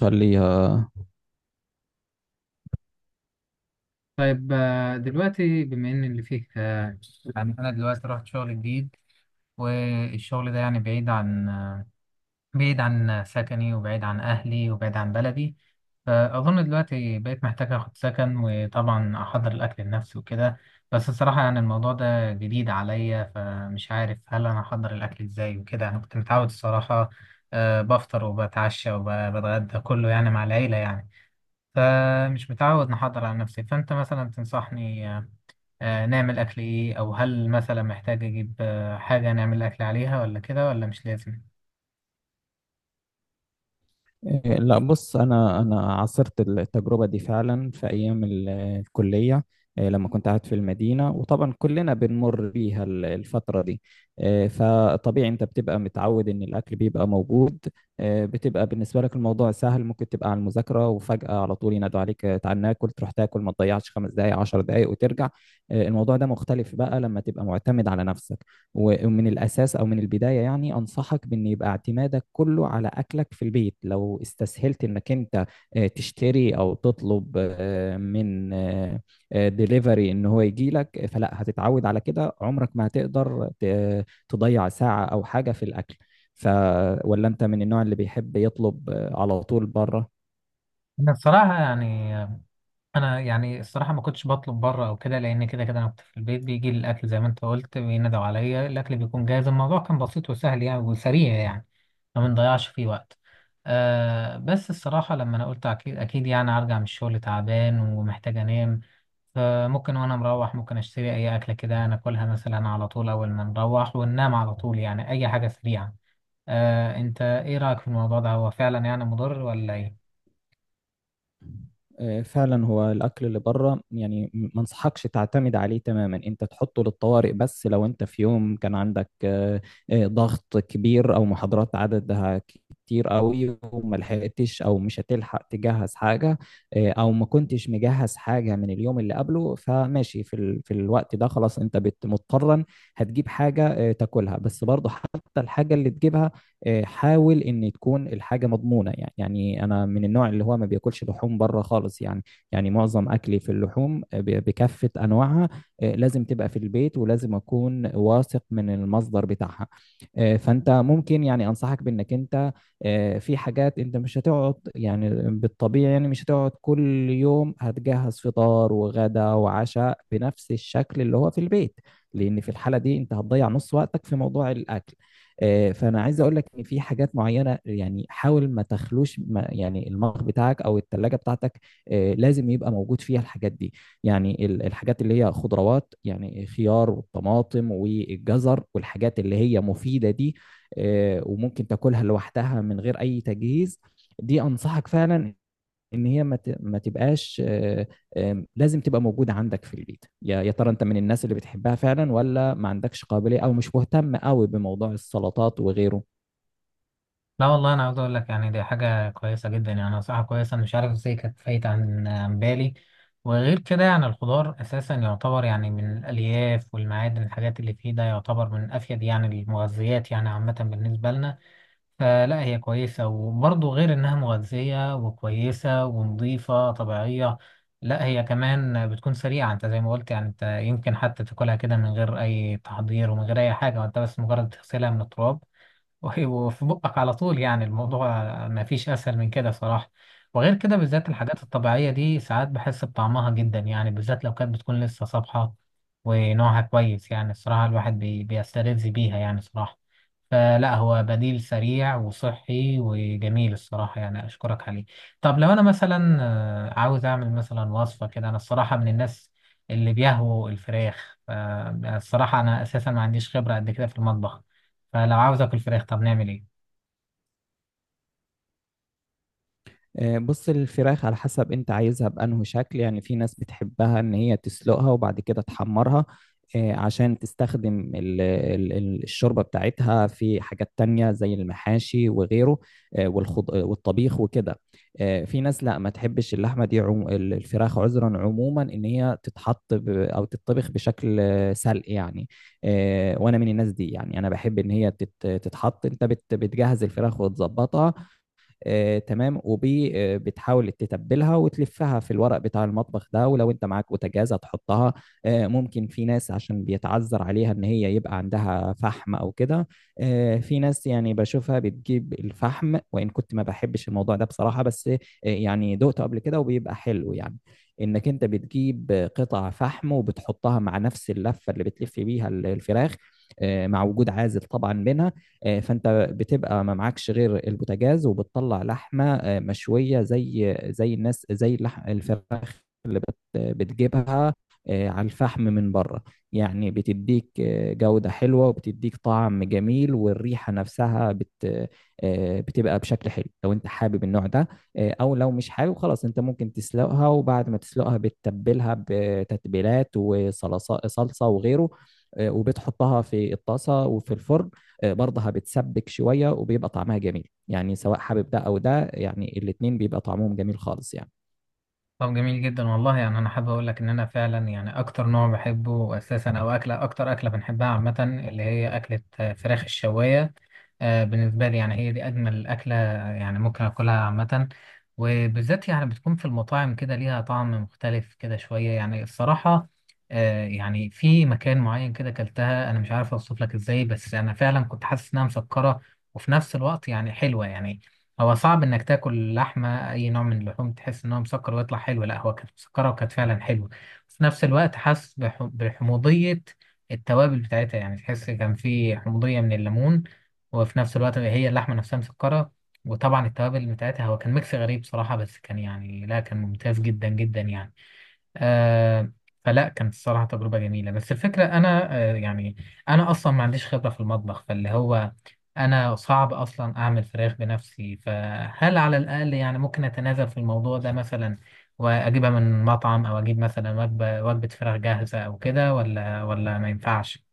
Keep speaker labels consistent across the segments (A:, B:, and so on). A: خليها.
B: طيب، دلوقتي بما ان اللي فيك، يعني انا دلوقتي رحت شغل جديد. والشغل ده يعني بعيد عن، بعيد عن سكني وبعيد عن اهلي وبعيد عن بلدي. فاظن دلوقتي بقيت محتاج اخد سكن وطبعا احضر الاكل لنفسي وكده. بس الصراحة يعني الموضوع ده جديد عليا فمش عارف هل انا احضر الاكل ازاي وكده. انا كنت متعود الصراحة، بفطر وبتعشى وبتغدى كله يعني مع العيلة يعني. فمش متعود نحضر على نفسي. فأنت مثلا تنصحني، نعمل أكل إيه؟ أو هل مثلا محتاج أجيب حاجة نعمل أكل عليها، ولا كده ولا مش لازم؟
A: لا بص انا انا عاصرت التجربه دي فعلا في ايام الكليه. لما كنت قاعد في المدينه، وطبعا كلنا بنمر بيها الفتره دي. فطبيعي انت بتبقى متعود ان الاكل بيبقى موجود. بتبقى بالنسبه لك الموضوع سهل، ممكن تبقى على المذاكره وفجاه على طول ينادوا عليك، تعال ناكل، تروح تاكل، ما تضيعش 5 دقائق 10 دقائق وترجع. الموضوع ده مختلف بقى لما تبقى معتمد على نفسك. ومن الأساس أو من البداية يعني أنصحك بأن يبقى اعتمادك كله على أكلك في البيت. لو استسهلت أنك أنت تشتري أو تطلب من ديليفري أن هو يجي لك، فلا هتتعود على كده، عمرك ما هتقدر تضيع ساعة أو حاجة في الأكل. ف ولا أنت من النوع اللي بيحب يطلب على طول بره؟
B: أنا بصراحة يعني، انا يعني الصراحه ما كنتش بطلب بره او كده، لان كده كده انا كنت في البيت بيجي لي الاكل زي ما انت قلت، بينادوا عليا الاكل بيكون جاهز. الموضوع كان بسيط وسهل يعني وسريع يعني، ما بنضيعش فيه وقت. آه، بس الصراحه لما انا قلت اكيد اكيد يعني ارجع من الشغل تعبان ومحتاج انام. فممكن وانا مروح ممكن اشتري اي اكله كده، ناكلها مثلا على طول اول ما نروح وننام على طول، يعني اي حاجه سريعه. آه، انت ايه رايك في الموضوع ده؟ هو فعلا يعني مضر ولا ايه؟
A: فعلا هو الاكل اللي بره، يعني ما انصحكش تعتمد عليه تماما، انت تحطه للطوارئ. بس لو انت في يوم كان عندك ضغط كبير او محاضرات عددها كتير قوي، وما لحقتش او مش هتلحق تجهز حاجه، او ما كنتش مجهز حاجه من اليوم اللي قبله، فماشي في الوقت ده خلاص، انت مضطرا هتجيب حاجه تاكلها. بس برضه حتى الحاجه اللي تجيبها، حاول ان تكون الحاجه مضمونه. يعني انا من النوع اللي هو ما بياكلش لحوم بره خالص يعني. يعني معظم اكلي في اللحوم، بكافه انواعها لازم تبقى في البيت، ولازم اكون واثق من المصدر بتاعها. فانت ممكن يعني انصحك بانك انت في حاجات انت مش هتقعد، يعني بالطبيعي يعني مش هتقعد كل يوم هتجهز فطار وغدا وعشاء بنفس الشكل اللي هو في البيت، لان في الحاله دي انت هتضيع نص وقتك في موضوع الاكل. فانا عايز اقول لك ان في حاجات معينه، يعني حاول ما تخلوش، ما يعني المخ بتاعك او الثلاجه بتاعتك لازم يبقى موجود فيها الحاجات دي. يعني الحاجات اللي هي خضروات، يعني خيار والطماطم والجزر والحاجات اللي هي مفيده دي، وممكن تاكلها لوحدها من غير اي تجهيز. دي انصحك فعلا ان هي ما تبقاش، آه، آم، لازم تبقى موجوده عندك في البيت. يا ترى انت من الناس اللي بتحبها فعلا، ولا ما عندكش قابليه او مش مهتم قوي بموضوع السلطات وغيره؟
B: لا والله، انا عاوز اقول لك يعني دي حاجه كويسه جدا، يعني نصيحه كويسه. أنا مش عارف ازاي كانت فايته عن بالي. وغير كده يعني الخضار اساسا يعتبر يعني من الالياف والمعادن، الحاجات اللي فيه ده يعتبر من افيد يعني المغذيات يعني عامه بالنسبه لنا. فلا هي كويسه، وبرضه غير انها مغذيه وكويسه ونظيفه طبيعيه، لا هي كمان بتكون سريعه. انت زي ما قلت يعني، انت يمكن حتى تاكلها كده من غير اي تحضير ومن غير اي حاجه، وانت بس مجرد تغسلها من التراب وهيبقوا في بقك على طول. يعني الموضوع ما فيش أسهل من كده صراحة. وغير كده بالذات الحاجات الطبيعية دي ساعات بحس بطعمها جدا، يعني بالذات لو كانت بتكون لسه صبحة ونوعها كويس. يعني الصراحة الواحد بيستلذ بيها يعني صراحة. فلا هو بديل سريع وصحي وجميل الصراحة، يعني أشكرك عليه. طب لو أنا مثلا، عاوز أعمل مثلا وصفة كده. أنا الصراحة من الناس اللي بيهووا الفراخ الصراحة أنا أساسا ما عنديش خبرة قد كده في المطبخ. فلو عاوز اكل فراخ، طب نعمل ايه؟
A: بص، الفراخ على حسب انت عايزها بأنه شكل. يعني في ناس بتحبها ان هي تسلقها وبعد كده تحمرها، عشان تستخدم الشوربة بتاعتها في حاجات تانية زي المحاشي وغيره، آه، والخض... آه، والطبيخ وكده. في ناس لا ما تحبش اللحمة دي، الفراخ، عذرا، عموما ان هي تتحط او تتطبخ بشكل سلق يعني. وانا من الناس دي. يعني انا بحب ان هي تتحط. انت بتجهز الفراخ وتظبطها، تمام، وبي آه، بتحاول تتبلها وتلفها في الورق بتاع المطبخ ده. ولو انت معاك بوتاجاز هتحطها. ممكن في ناس عشان بيتعذر عليها ان هي يبقى عندها فحم او كده. في ناس يعني بشوفها بتجيب الفحم، وان كنت ما بحبش الموضوع ده بصراحة، بس يعني دقته قبل كده وبيبقى حلو يعني، انك انت بتجيب قطع فحم وبتحطها مع نفس اللفة اللي بتلف بيها الفراخ، مع وجود عازل طبعا منها. فانت بتبقى ما معكش غير البوتاجاز، وبتطلع لحمه مشويه، زي الناس، زي اللحم الفراخ اللي بتجيبها على الفحم من بره. يعني بتديك جودة حلوة، وبتديك طعم جميل، والريحة نفسها بت آه، بتبقى بشكل حلو لو انت حابب النوع ده. او لو مش حابب خلاص، انت ممكن تسلقها، وبعد ما تسلقها بتتبلها بتتبيلات، وصلصة وغيره، وبتحطها في الطاسة وفي الفرن، برضها بتسبك شوية، وبيبقى طعمها جميل. يعني سواء حابب ده أو ده، يعني الاتنين بيبقى طعمهم جميل خالص يعني.
B: طب جميل جدا والله. يعني انا حابب اقول لك ان انا فعلا يعني اكتر نوع بحبه اساسا او اكله، اكتر اكله بنحبها عامه، اللي هي اكله فراخ الشوايه. بالنسبه لي يعني هي دي اجمل اكله، يعني ممكن اكلها عامه. وبالذات يعني بتكون في المطاعم كده ليها طعم مختلف كده شويه يعني الصراحه. يعني في مكان معين كده اكلتها، انا مش عارف اوصف لك ازاي، بس انا فعلا كنت حاسس انها مسكره وفي نفس الوقت يعني حلوه يعني. هو صعب انك تاكل لحمه اي نوع من اللحوم تحس ان هو مسكر ويطلع حلو. لا، هو كانت مسكره وكانت فعلا حلوه، بس في نفس الوقت حاسس بحموضيه التوابل بتاعتها. يعني تحس كان في حموضيه من الليمون، وفي نفس الوقت هي اللحمه نفسها مسكره. وطبعا التوابل بتاعتها هو كان ميكس غريب صراحه، بس كان يعني لا كان ممتاز جدا جدا يعني. آه، فلا كانت الصراحة تجربة جميلة. بس الفكرة أنا يعني أنا أصلا ما عنديش خبرة في المطبخ، فاللي هو أنا صعب أصلا أعمل فراخ بنفسي. فهل على الأقل يعني ممكن أتنازل في الموضوع ده مثلا وأجيبها من مطعم، أو أجيب مثلا وجبة فراخ جاهزة أو كده، ولا ما ينفعش؟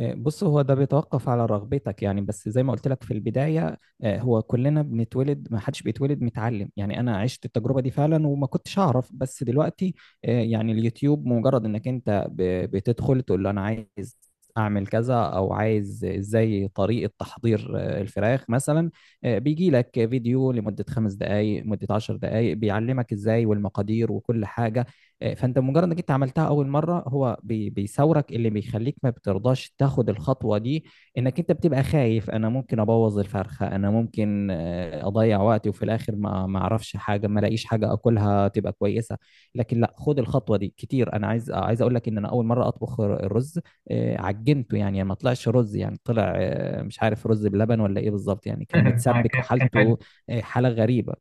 A: بص، هو ده بيتوقف على رغبتك. يعني بس زي ما قلت لك في البداية، هو كلنا بنتولد، ما حدش بيتولد متعلم يعني. أنا عشت التجربة دي فعلا وما كنتش أعرف، بس دلوقتي يعني اليوتيوب، مجرد إنك أنت بتدخل تقول له أنا عايز أعمل كذا، أو عايز إزاي طريقة تحضير الفراخ مثلا، بيجي لك فيديو لمدة 5 دقايق مدة 10 دقايق بيعلمك إزاي والمقادير وكل حاجة. فانت مجرد انك انت عملتها اول مره، هو بيثورك اللي بيخليك ما بترضاش تاخد الخطوه دي، انك انت بتبقى خايف انا ممكن ابوظ الفرخه، انا ممكن اضيع وقتي، وفي الاخر ما اعرفش حاجه، ما الاقيش حاجه اكلها تبقى كويسه. لكن لا، خد الخطوه دي كتير. انا عايز اقول لك ان انا اول مره اطبخ الرز، عجنته يعني، ما طلعش رز، يعني طلع، مش عارف رز بلبن ولا ايه بالظبط، يعني كان متسبك
B: كان
A: وحالته حاله غريبه.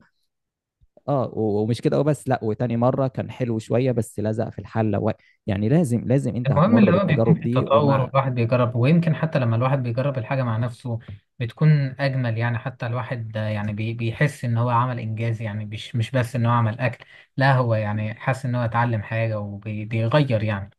A: اه، ومش كده وبس، لا، وتاني مره كان حلو شويه بس لزق في الحله. و... يعني لازم لازم انت
B: المهم اللي
A: هتمر
B: هو بيكون
A: بالتجارب
B: فيه
A: دي.
B: تطور،
A: ومع
B: والواحد بيجرب. ويمكن حتى لما الواحد بيجرب الحاجة مع نفسه بتكون أجمل. يعني حتى الواحد يعني بيحس إن هو عمل إنجاز، يعني مش بس إن هو عمل أكل، لا هو يعني حاسس إن هو اتعلم حاجة وبيغير يعني.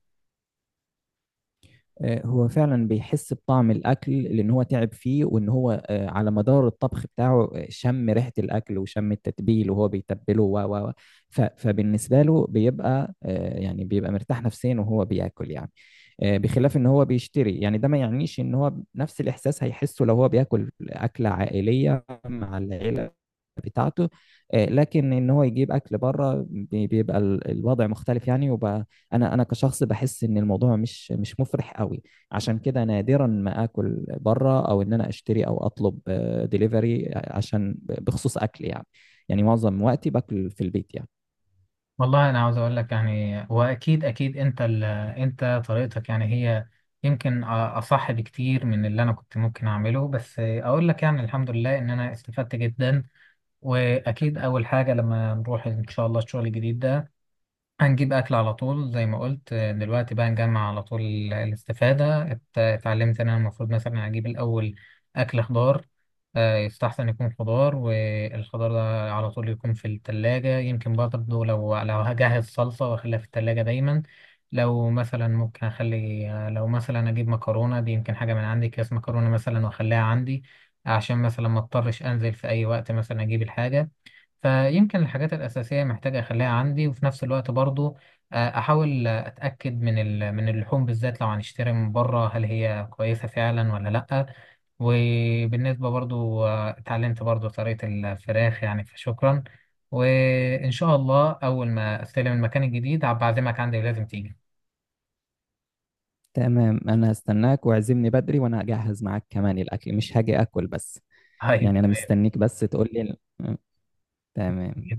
A: هو فعلا بيحس بطعم الاكل، لان هو تعب فيه، وان هو على مدار الطبخ بتاعه شم ريحه الاكل وشم التتبيل وهو بيتبله، فبالنسبه له بيبقى يعني بيبقى مرتاح نفسيا وهو بياكل يعني. بخلاف ان هو بيشتري، يعني ده ما يعنيش ان هو نفس الاحساس هيحسه لو هو بياكل اكله عائليه مع العيله بتاعته. لكن ان هو يجيب اكل بره، بيبقى الوضع مختلف يعني. وبقى انا انا كشخص بحس ان الموضوع مش مفرح قوي، عشان كده نادرا ما اكل بره، او ان انا اشتري او اطلب ديليفري عشان بخصوص اكل يعني. يعني معظم وقتي باكل في البيت يعني.
B: والله أنا عاوز أقول لك يعني، وأكيد أكيد أنت أنت طريقتك يعني هي يمكن أصح بكتير من اللي أنا كنت ممكن أعمله. بس أقول لك يعني الحمد لله إن أنا استفدت جدا. وأكيد أول حاجة لما نروح إن شاء الله الشغل الجديد ده هنجيب أكل على طول زي ما قلت. دلوقتي بقى نجمع على طول الاستفادة. اتعلمت إن أنا المفروض مثلا أجيب الأول أكل خضار، يستحسن يكون خضار. والخضار ده على طول يكون في التلاجة. يمكن برضه لو هجهز صلصة وأخليها في التلاجة دايما. لو مثلا ممكن أخلي، لو مثلا أجيب مكرونة دي، يمكن حاجة من عندي أكياس مكرونة مثلا وأخليها عندي عشان مثلا ما اضطرش أنزل في أي وقت مثلا أجيب الحاجة. فيمكن الحاجات الأساسية محتاج أخليها عندي. وفي نفس الوقت برضو أحاول أتأكد من اللحوم بالذات لو هنشتري من بره، هل هي كويسة فعلا ولا لأ. وبالنسبة برضو، اتعلمت برضو طريقة الفراخ يعني، فشكرا. وإن شاء الله أول ما أستلم المكان الجديد هبعزمك عندي ولازم تيجي.
A: تمام، انا هستناك، واعزمني بدري، وانا هجهز معاك كمان الاكل، مش هاجي اكل بس.
B: طيب
A: يعني انا
B: تمام.
A: مستنيك بس تقول لي. تمام.